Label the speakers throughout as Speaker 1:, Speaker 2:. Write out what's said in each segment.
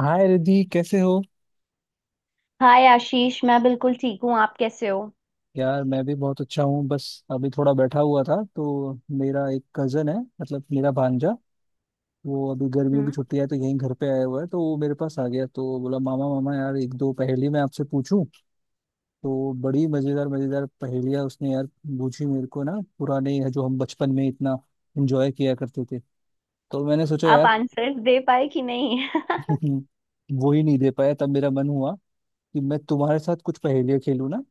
Speaker 1: हाय रिद्धि कैसे हो।
Speaker 2: हाय आशीष, मैं बिल्कुल ठीक हूँ। आप कैसे हो?
Speaker 1: यार मैं भी बहुत अच्छा हूँ। बस अभी थोड़ा बैठा हुआ था तो मेरा एक कजन है, मतलब मेरा भांजा। वो अभी गर्मियों की
Speaker 2: हम्म।
Speaker 1: छुट्टी है तो यहीं घर पे आया हुआ है, तो वो मेरे पास आ गया तो बोला मामा मामा यार एक दो पहेली मैं आपसे पूछूं। तो बड़ी मजेदार मजेदार पहेलियां उसने यार पूछी मेरे को ना। पुराने जो हम बचपन में इतना एंजॉय किया करते थे, तो मैंने सोचा
Speaker 2: आप
Speaker 1: यार।
Speaker 2: आंसर दे पाए कि नहीं?
Speaker 1: वो ही नहीं दे पाया तब मेरा मन हुआ कि मैं तुम्हारे साथ कुछ पहेलियां खेलूं ना।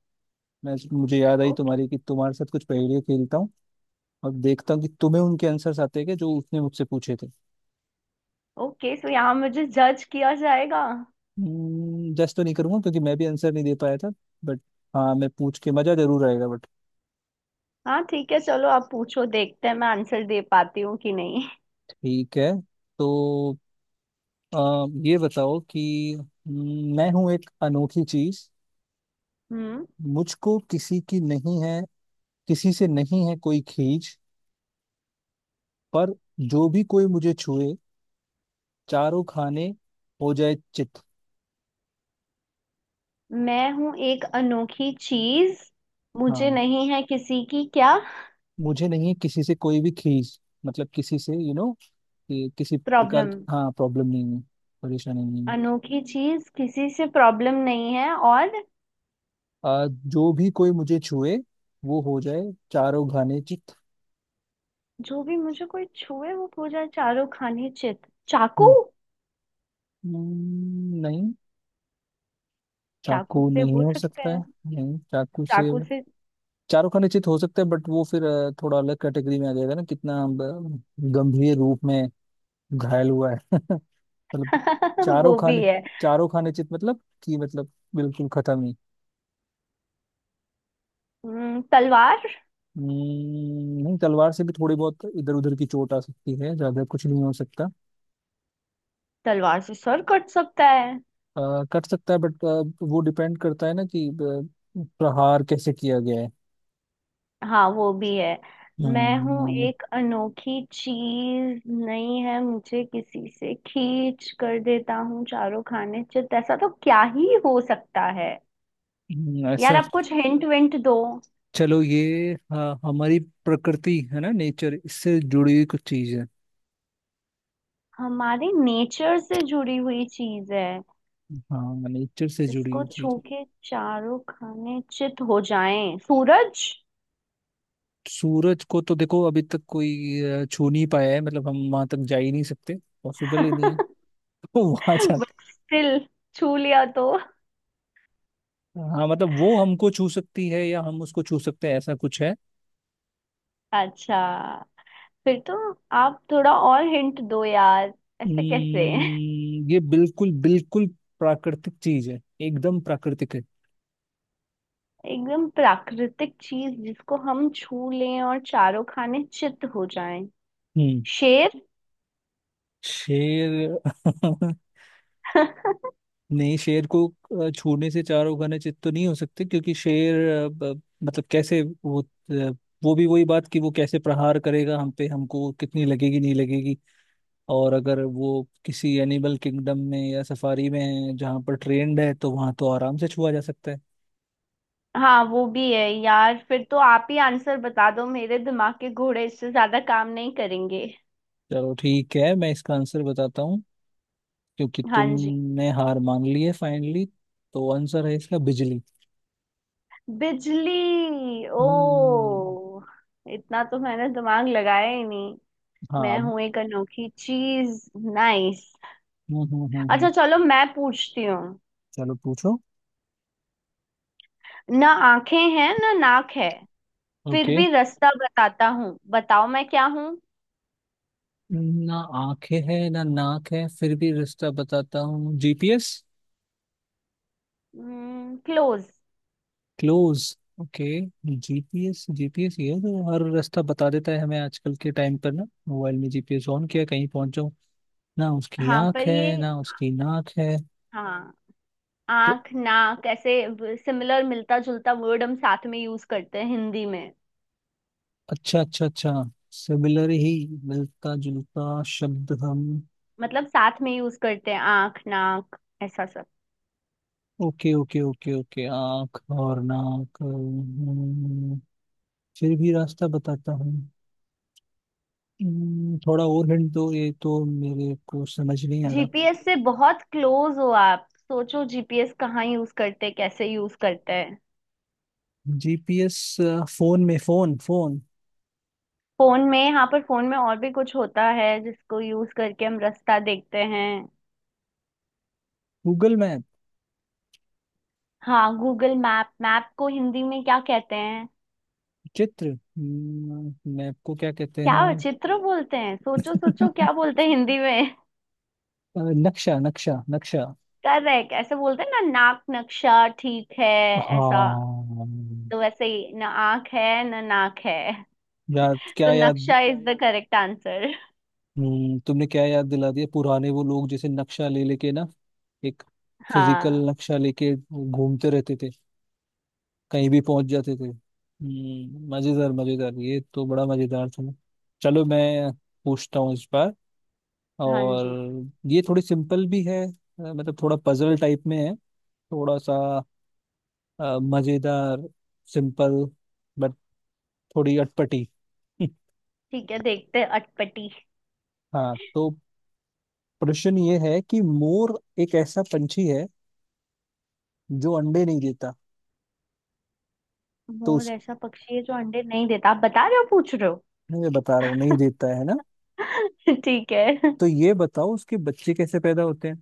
Speaker 1: मैं मुझे याद आई
Speaker 2: ओके।
Speaker 1: तुम्हारी कि तुम्हारे साथ कुछ पहेलियां खेलता हूँ। अब देखता हूँ कि तुम्हें उनके आंसर्स आते हैं क्या जो उसने मुझसे पूछे थे।
Speaker 2: ओके, सो यहाँ मुझे जज किया जाएगा।
Speaker 1: जस्ट तो नहीं करूंगा क्योंकि मैं भी आंसर नहीं दे पाया था, बट हाँ, मैं पूछ के मजा जरूर आएगा बट।
Speaker 2: हाँ ठीक है, चलो आप पूछो, देखते हैं मैं आंसर दे पाती हूँ कि नहीं।
Speaker 1: ठीक है तो ये बताओ कि मैं हूं एक अनोखी चीज।
Speaker 2: हम्म।
Speaker 1: मुझको किसी की नहीं है, किसी से नहीं है कोई खींच। पर जो भी कोई मुझे छुए चारों खाने हो जाए चित।
Speaker 2: मैं हूँ एक अनोखी चीज मुझे
Speaker 1: हाँ,
Speaker 2: नहीं है किसी की क्या?
Speaker 1: मुझे नहीं है किसी से कोई भी खींच। मतलब किसी से यू you नो कि किसी प्रकार
Speaker 2: प्रॉब्लम।
Speaker 1: की, हाँ, प्रॉब्लम नहीं है, परेशानी नहीं है।
Speaker 2: अनोखी चीज किसी से प्रॉब्लम नहीं है, और
Speaker 1: जो भी कोई मुझे छुए वो हो जाए चारों घाने चित।
Speaker 2: जो भी मुझे कोई छुए वो पूजा चारों खाने चित। चाकू।
Speaker 1: हम्म, नहीं,
Speaker 2: चाकू
Speaker 1: चाकू
Speaker 2: से
Speaker 1: नहीं
Speaker 2: हो
Speaker 1: हो
Speaker 2: सकते
Speaker 1: सकता है।
Speaker 2: हैं।
Speaker 1: नहीं चाकू से
Speaker 2: चाकू से।
Speaker 1: चारों खाने चित हो सकता है, बट वो फिर थोड़ा अलग कैटेगरी में आ जाएगा ना। कितना गंभीर रूप में घायल हुआ है। मतलब चारों
Speaker 2: वो भी
Speaker 1: खाने,
Speaker 2: है।
Speaker 1: चारों खाने चित मतलब कि बिल्कुल खत्म ही।
Speaker 2: तलवार।
Speaker 1: नहीं, तलवार से भी थोड़ी बहुत इधर उधर की चोट आ सकती है, ज्यादा कुछ नहीं हो सकता।
Speaker 2: तलवार से सर कट सकता है।
Speaker 1: अ, कट सकता है बट वो डिपेंड करता है ना कि प्रहार कैसे किया गया है।
Speaker 2: हाँ वो भी है। मैं हूँ
Speaker 1: हम्म,
Speaker 2: एक अनोखी चीज नहीं है मुझे किसी से खींच, कर देता हूँ चारों खाने चित। ऐसा तो क्या ही हो सकता है। यार
Speaker 1: ऐसा
Speaker 2: आप कुछ हिंट विंट दो।
Speaker 1: चलो, ये हाँ हमारी प्रकृति है ना, नेचर, इससे जुड़ी हुई कुछ चीज है।
Speaker 2: हमारे नेचर से जुड़ी हुई चीज है।
Speaker 1: हाँ, नेचर से जुड़ी
Speaker 2: इसको
Speaker 1: हुई
Speaker 2: छू
Speaker 1: चीज है।
Speaker 2: के चारों खाने चित हो जाएं। सूरज।
Speaker 1: सूरज को तो देखो अभी तक कोई छू नहीं पाया है, मतलब हम वहां तक जा ही नहीं सकते, पॉसिबल ही नहीं है। तो वहां जा,
Speaker 2: बट स्टिल छू लिया तो?
Speaker 1: हाँ, मतलब वो हमको छू सकती है या हम उसको छू सकते हैं, ऐसा कुछ है।
Speaker 2: अच्छा, फिर तो आप थोड़ा और हिंट दो यार। ऐसे कैसे?
Speaker 1: हम्म, ये बिल्कुल बिल्कुल प्राकृतिक चीज है, एकदम प्राकृतिक है।
Speaker 2: एकदम प्राकृतिक चीज जिसको हम छू लें और चारों खाने चित्त हो जाएं।
Speaker 1: हम्म।
Speaker 2: शेर।
Speaker 1: शेर। नहीं, शेर को छूने से चारों खाने चित तो नहीं हो सकते क्योंकि शेर मतलब कैसे वो, वो भी वही बात कि वो कैसे प्रहार करेगा हम पे, हमको कितनी लगेगी नहीं लगेगी। और अगर वो किसी एनिमल किंगडम में या सफारी में है जहाँ पर ट्रेंड है तो वहां तो आराम से छुआ जा सकता है।
Speaker 2: हाँ वो भी है यार, फिर तो आप ही आंसर बता दो, मेरे दिमाग के घोड़े इससे ज्यादा काम नहीं करेंगे।
Speaker 1: चलो ठीक है, मैं इसका आंसर बताता हूँ क्योंकि
Speaker 2: हाँ जी।
Speaker 1: तुमने हार मान ली है फाइनली। तो आंसर है इसका बिजली।
Speaker 2: बिजली! ओ!
Speaker 1: हम्म।
Speaker 2: इतना तो मैंने दिमाग लगाया ही नहीं।
Speaker 1: हाँ
Speaker 2: मैं हूं एक अनोखी चीज नाइस।
Speaker 1: हम्म हम्म हम्म हम्म।
Speaker 2: अच्छा चलो मैं पूछती हूँ।
Speaker 1: चलो पूछो।
Speaker 2: ना आंखें हैं ना नाक है, फिर
Speaker 1: ओके।
Speaker 2: भी रास्ता बताता हूँ, बताओ मैं क्या हूँ?
Speaker 1: ना आंखें है ना नाक है फिर भी रास्ता बताता हूँ, GPS.
Speaker 2: Close.
Speaker 1: Close. Okay, GPS, GPS ये है जो हर रास्ता बता देता है हमें आजकल के टाइम पर। ना मोबाइल में जीपीएस ऑन किया कहीं पहुंचो, ना उसकी
Speaker 2: हाँ
Speaker 1: आंख
Speaker 2: पर ये
Speaker 1: है ना उसकी नाक है।
Speaker 2: हाँ
Speaker 1: तो
Speaker 2: आंख नाक ऐसे सिमिलर, मिलता जुलता वर्ड हम साथ में यूज करते हैं हिंदी में।
Speaker 1: अच्छा अच्छा अच्छा, सिमिलर ही, मिलता जुलता शब्द हम।
Speaker 2: मतलब साथ में यूज करते हैं आंख नाक ऐसा सब।
Speaker 1: ओके ओके ओके ओके, आँख और नाक, फिर भी रास्ता बताता हूँ। थोड़ा और हिंट दो, ये तो मेरे को समझ नहीं आ रहा।
Speaker 2: जीपीएस से बहुत क्लोज हो, आप सोचो जीपीएस कहाँ यूज करते हैं, कैसे यूज करते हैं।
Speaker 1: जीपीएस फोन में, फोन फोन।
Speaker 2: फोन में, यहाँ पर फोन में और भी कुछ होता है जिसको यूज करके हम रास्ता देखते हैं।
Speaker 1: Google map.
Speaker 2: हाँ गूगल मैप। मैप को हिंदी में क्या कहते हैं?
Speaker 1: चित्र, मैप को क्या कहते हैं?
Speaker 2: क्या चित्र बोलते हैं? सोचो सोचो, क्या बोलते हैं हिंदी में?
Speaker 1: नक्शा, नक्शा।
Speaker 2: करेक्ट, ऐसे बोलते हैं ना नाक, नक्शा, ठीक है? ऐसा।
Speaker 1: हाँ।
Speaker 2: तो वैसे ही ना आंख है ना नाक है।
Speaker 1: याद, क्या
Speaker 2: तो
Speaker 1: याद!
Speaker 2: नक्शा इज द करेक्ट आंसर।
Speaker 1: तुमने क्या याद दिला दिया, पुराने वो लोग जैसे नक्शा ले लेके ना, एक फिजिकल
Speaker 2: हाँ।
Speaker 1: नक्शा लेके घूमते रहते थे, कहीं भी पहुंच जाते थे। मजेदार मजेदार, ये तो बड़ा मजेदार था। चलो मैं पूछता हूँ इस बार,
Speaker 2: हाँ
Speaker 1: और
Speaker 2: जी।
Speaker 1: ये थोड़ी सिंपल भी है। मतलब थोड़ा पजल टाइप में है, थोड़ा सा मजेदार, सिंपल बट थोड़ी अटपटी।
Speaker 2: ठीक है देखते हैं, अटपटी।
Speaker 1: हाँ तो प्रश्न ये है कि मोर एक ऐसा पंछी है जो अंडे नहीं देता। तो
Speaker 2: मोर
Speaker 1: उस
Speaker 2: ऐसा पक्षी है जो अंडे नहीं देता, आप बता रहे हो, पूछ रहे हो?
Speaker 1: मैं बता रहा हूँ नहीं देता है ना।
Speaker 2: ठीक है।
Speaker 1: तो ये बताओ उसके बच्चे कैसे पैदा होते हैं।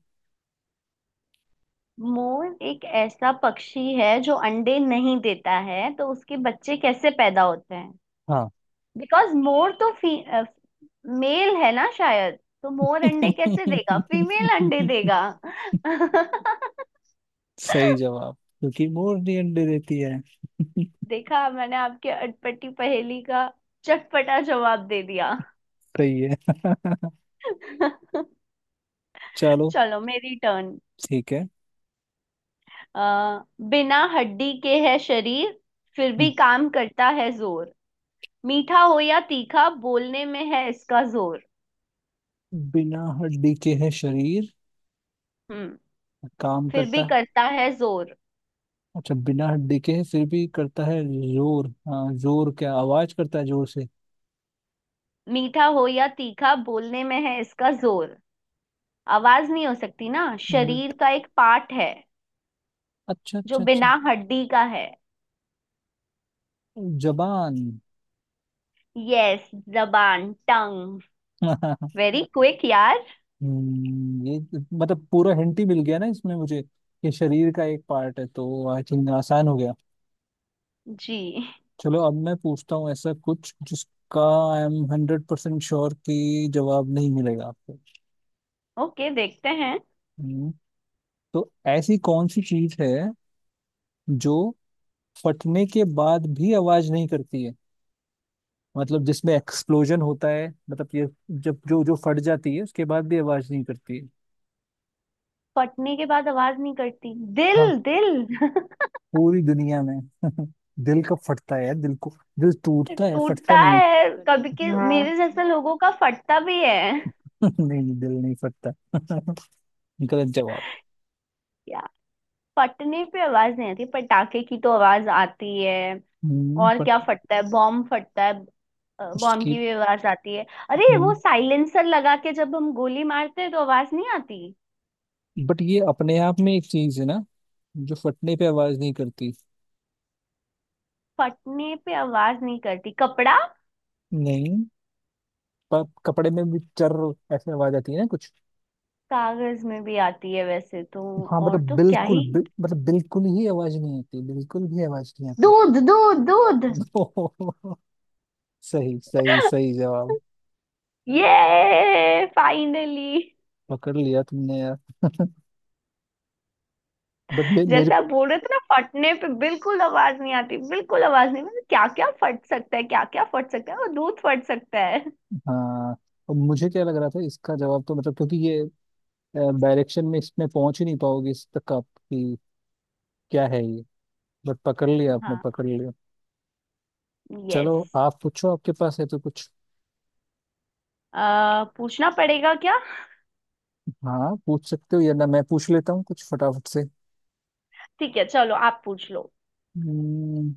Speaker 2: मोर एक ऐसा पक्षी है जो अंडे नहीं देता है, तो उसके बच्चे कैसे पैदा होते हैं?
Speaker 1: हाँ।
Speaker 2: बिकॉज मोर तो मेल है ना शायद, तो मोर अंडे कैसे देगा? फीमेल अंडे देगा।
Speaker 1: सही जवाब, क्योंकि मोर नहीं अंडे देती है।
Speaker 2: देखा, मैंने आपके अटपटी पहेली का चटपटा जवाब दे दिया।
Speaker 1: सही है। चलो।
Speaker 2: चलो मेरी टर्न।
Speaker 1: ठीक है।
Speaker 2: आ, बिना हड्डी के है शरीर, फिर भी
Speaker 1: हम्म।
Speaker 2: काम करता है जोर मीठा हो या तीखा, बोलने में है इसका जोर
Speaker 1: बिना हड्डी के है शरीर,
Speaker 2: हम्म।
Speaker 1: काम
Speaker 2: फिर
Speaker 1: करता
Speaker 2: भी
Speaker 1: है।
Speaker 2: करता है जोर
Speaker 1: अच्छा, बिना हड्डी के है फिर भी करता है जोर, हाँ जोर क्या, आवाज करता है जोर से?
Speaker 2: मीठा हो या तीखा बोलने में है इसका जोर आवाज नहीं हो सकती ना, शरीर
Speaker 1: बट
Speaker 2: का एक पार्ट है
Speaker 1: अच्छा
Speaker 2: जो
Speaker 1: अच्छा अच्छा,
Speaker 2: बिना हड्डी का है।
Speaker 1: जबान।
Speaker 2: यस। जबान टंग। वेरी क्विक यार।
Speaker 1: ये तो मतलब पूरा हिंट ही मिल गया ना इसमें मुझे, ये शरीर का एक पार्ट है तो आई थिंक आसान हो गया।
Speaker 2: जी।
Speaker 1: चलो अब मैं पूछता हूँ ऐसा कुछ जिसका आई एम 100% श्योर कि जवाब नहीं मिलेगा आपको।
Speaker 2: ओके देखते हैं।
Speaker 1: हम्म, तो ऐसी कौन सी चीज है जो फटने के बाद भी आवाज नहीं करती है। मतलब जिसमें एक्सप्लोजन होता है, मतलब ये जब जो जो फट जाती है उसके बाद भी आवाज नहीं करती है।
Speaker 2: फटने के बाद आवाज नहीं करती?
Speaker 1: हाँ,
Speaker 2: दिल, दिल।
Speaker 1: पूरी दुनिया में। दिल कब फटता है यार, दिल को, दिल टूटता है फटता
Speaker 2: टूटता
Speaker 1: नहीं है।
Speaker 2: है कभी, के
Speaker 1: हाँ।
Speaker 2: मेरे जैसे लोगों का फटता भी है।
Speaker 1: नहीं दिल नहीं फटता। गलत जवाब।
Speaker 2: क्या? फटने पे आवाज नहीं आती? पटाखे की तो आवाज आती है। और
Speaker 1: पर
Speaker 2: क्या फटता है? बॉम्ब फटता है, बॉम्ब
Speaker 1: उसकी,
Speaker 2: की भी आवाज आती है। अरे
Speaker 1: हम्म,
Speaker 2: वो साइलेंसर लगा के जब हम गोली मारते हैं तो आवाज नहीं आती।
Speaker 1: बट ये अपने आप में एक चीज है ना जो फटने पे आवाज नहीं करती।
Speaker 2: फटने पे आवाज नहीं करती, कपड़ा।
Speaker 1: नहीं, पर कपड़े में भी चर ऐसे आवाज आती है ना कुछ।
Speaker 2: कागज में भी आती है वैसे तो।
Speaker 1: हाँ मतलब
Speaker 2: और तो क्या ही।
Speaker 1: मतलब बिल्कुल ही आवाज नहीं आती, बिल्कुल भी आवाज नहीं आती।
Speaker 2: दूध, दूध, दूध!
Speaker 1: सही सही सही जवाब,
Speaker 2: ये फाइनली।
Speaker 1: पकड़ लिया तुमने यार। मेरे
Speaker 2: जैसा आप
Speaker 1: को
Speaker 2: बोल रहे थे ना, फटने पे बिल्कुल आवाज नहीं आती, बिल्कुल आवाज नहीं, मतलब क्या क्या फट सकता है, क्या क्या फट सकता है, वो दूध फट सकता है।
Speaker 1: हाँ, अब मुझे क्या लग रहा था इसका जवाब, तो मतलब क्योंकि ये डायरेक्शन में इसमें पहुंच ही नहीं पाओगे इस तक आप कि क्या है ये, बट पकड़ लिया, आपने
Speaker 2: हाँ।
Speaker 1: पकड़ लिया। चलो
Speaker 2: यस।
Speaker 1: आप पूछो, आपके पास है तो कुछ।
Speaker 2: पूछना पड़ेगा क्या?
Speaker 1: हाँ पूछ सकते हो, या ना मैं पूछ लेता हूँ कुछ फटाफट से।
Speaker 2: ठीक है चलो आप पूछ लो।
Speaker 1: हम्म,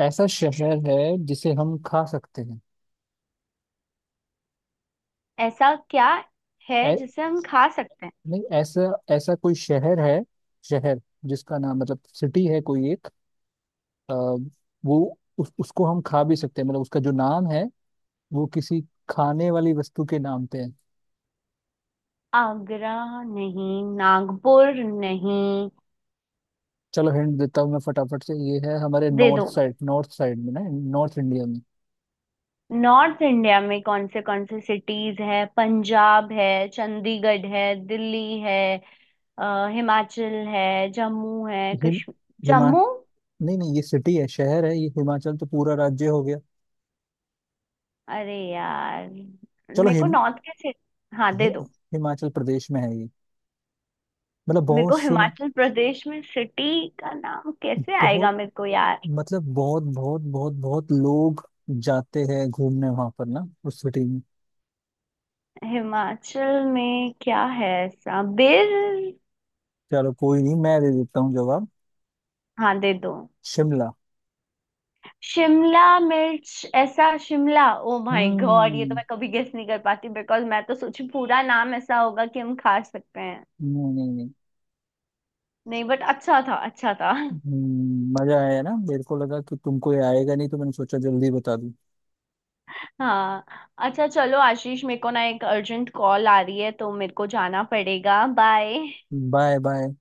Speaker 1: ऐसा शहर है जिसे हम खा सकते हैं।
Speaker 2: ऐसा क्या है
Speaker 1: ऐ,
Speaker 2: जिसे हम खा सकते हैं?
Speaker 1: नहीं ऐसा, ऐसा कोई शहर है, शहर जिसका नाम, मतलब सिटी है कोई एक, अ, वो उसको हम खा भी सकते हैं, मतलब उसका जो नाम है वो किसी खाने वाली वस्तु के नाम पे है।
Speaker 2: आगरा? नहीं, नागपुर? नहीं,
Speaker 1: चलो हिंट देता हूँ मैं फटाफट से, ये है हमारे
Speaker 2: दे
Speaker 1: नॉर्थ
Speaker 2: दो।
Speaker 1: साइड, नॉर्थ साइड में ना, नॉर्थ इंडिया में।
Speaker 2: नॉर्थ इंडिया में कौन से सिटीज है? पंजाब है, चंडीगढ़ है, दिल्ली है, हिमाचल है, जम्मू है,
Speaker 1: हिम
Speaker 2: कश्मीर,
Speaker 1: हिमा
Speaker 2: जम्मू।
Speaker 1: नहीं नहीं, ये सिटी है, शहर है ये, हिमाचल तो पूरा राज्य हो गया।
Speaker 2: अरे यार,
Speaker 1: चलो,
Speaker 2: मेरे को नॉर्थ के सिटी हाँ दे
Speaker 1: हि-
Speaker 2: दो।
Speaker 1: हिमाचल प्रदेश में है ये, मतलब
Speaker 2: मेरे
Speaker 1: बहुत
Speaker 2: को
Speaker 1: सुना,
Speaker 2: हिमाचल प्रदेश में सिटी का नाम कैसे
Speaker 1: बहुत,
Speaker 2: आएगा मेरे को यार?
Speaker 1: मतलब बहुत बहुत बहुत बहुत लोग जाते हैं घूमने वहां पर ना उस सिटी में।
Speaker 2: हिमाचल में क्या है ऐसा? बेर?
Speaker 1: चलो कोई नहीं, मैं दे देता हूँ जवाब,
Speaker 2: हाँ दे दो।
Speaker 1: शिमला।
Speaker 2: शिमला मिर्च, ऐसा शिमला! ओ माय गॉड, ये तो
Speaker 1: हम्म।
Speaker 2: मैं कभी गेस नहीं कर पाती, बिकॉज मैं तो सोची पूरा नाम ऐसा होगा कि हम खा सकते हैं।
Speaker 1: नहीं नहीं नहीं।
Speaker 2: नहीं बट अच्छा था, अच्छा था।
Speaker 1: मजा आया, ना मेरे को लगा कि तुमको ये आएगा नहीं तो मैंने सोचा जल्दी बता दूं।
Speaker 2: हाँ। अच्छा चलो आशीष, मेरे को ना एक अर्जेंट कॉल आ रही है तो मेरे को जाना पड़ेगा, बाय।
Speaker 1: Bye bye.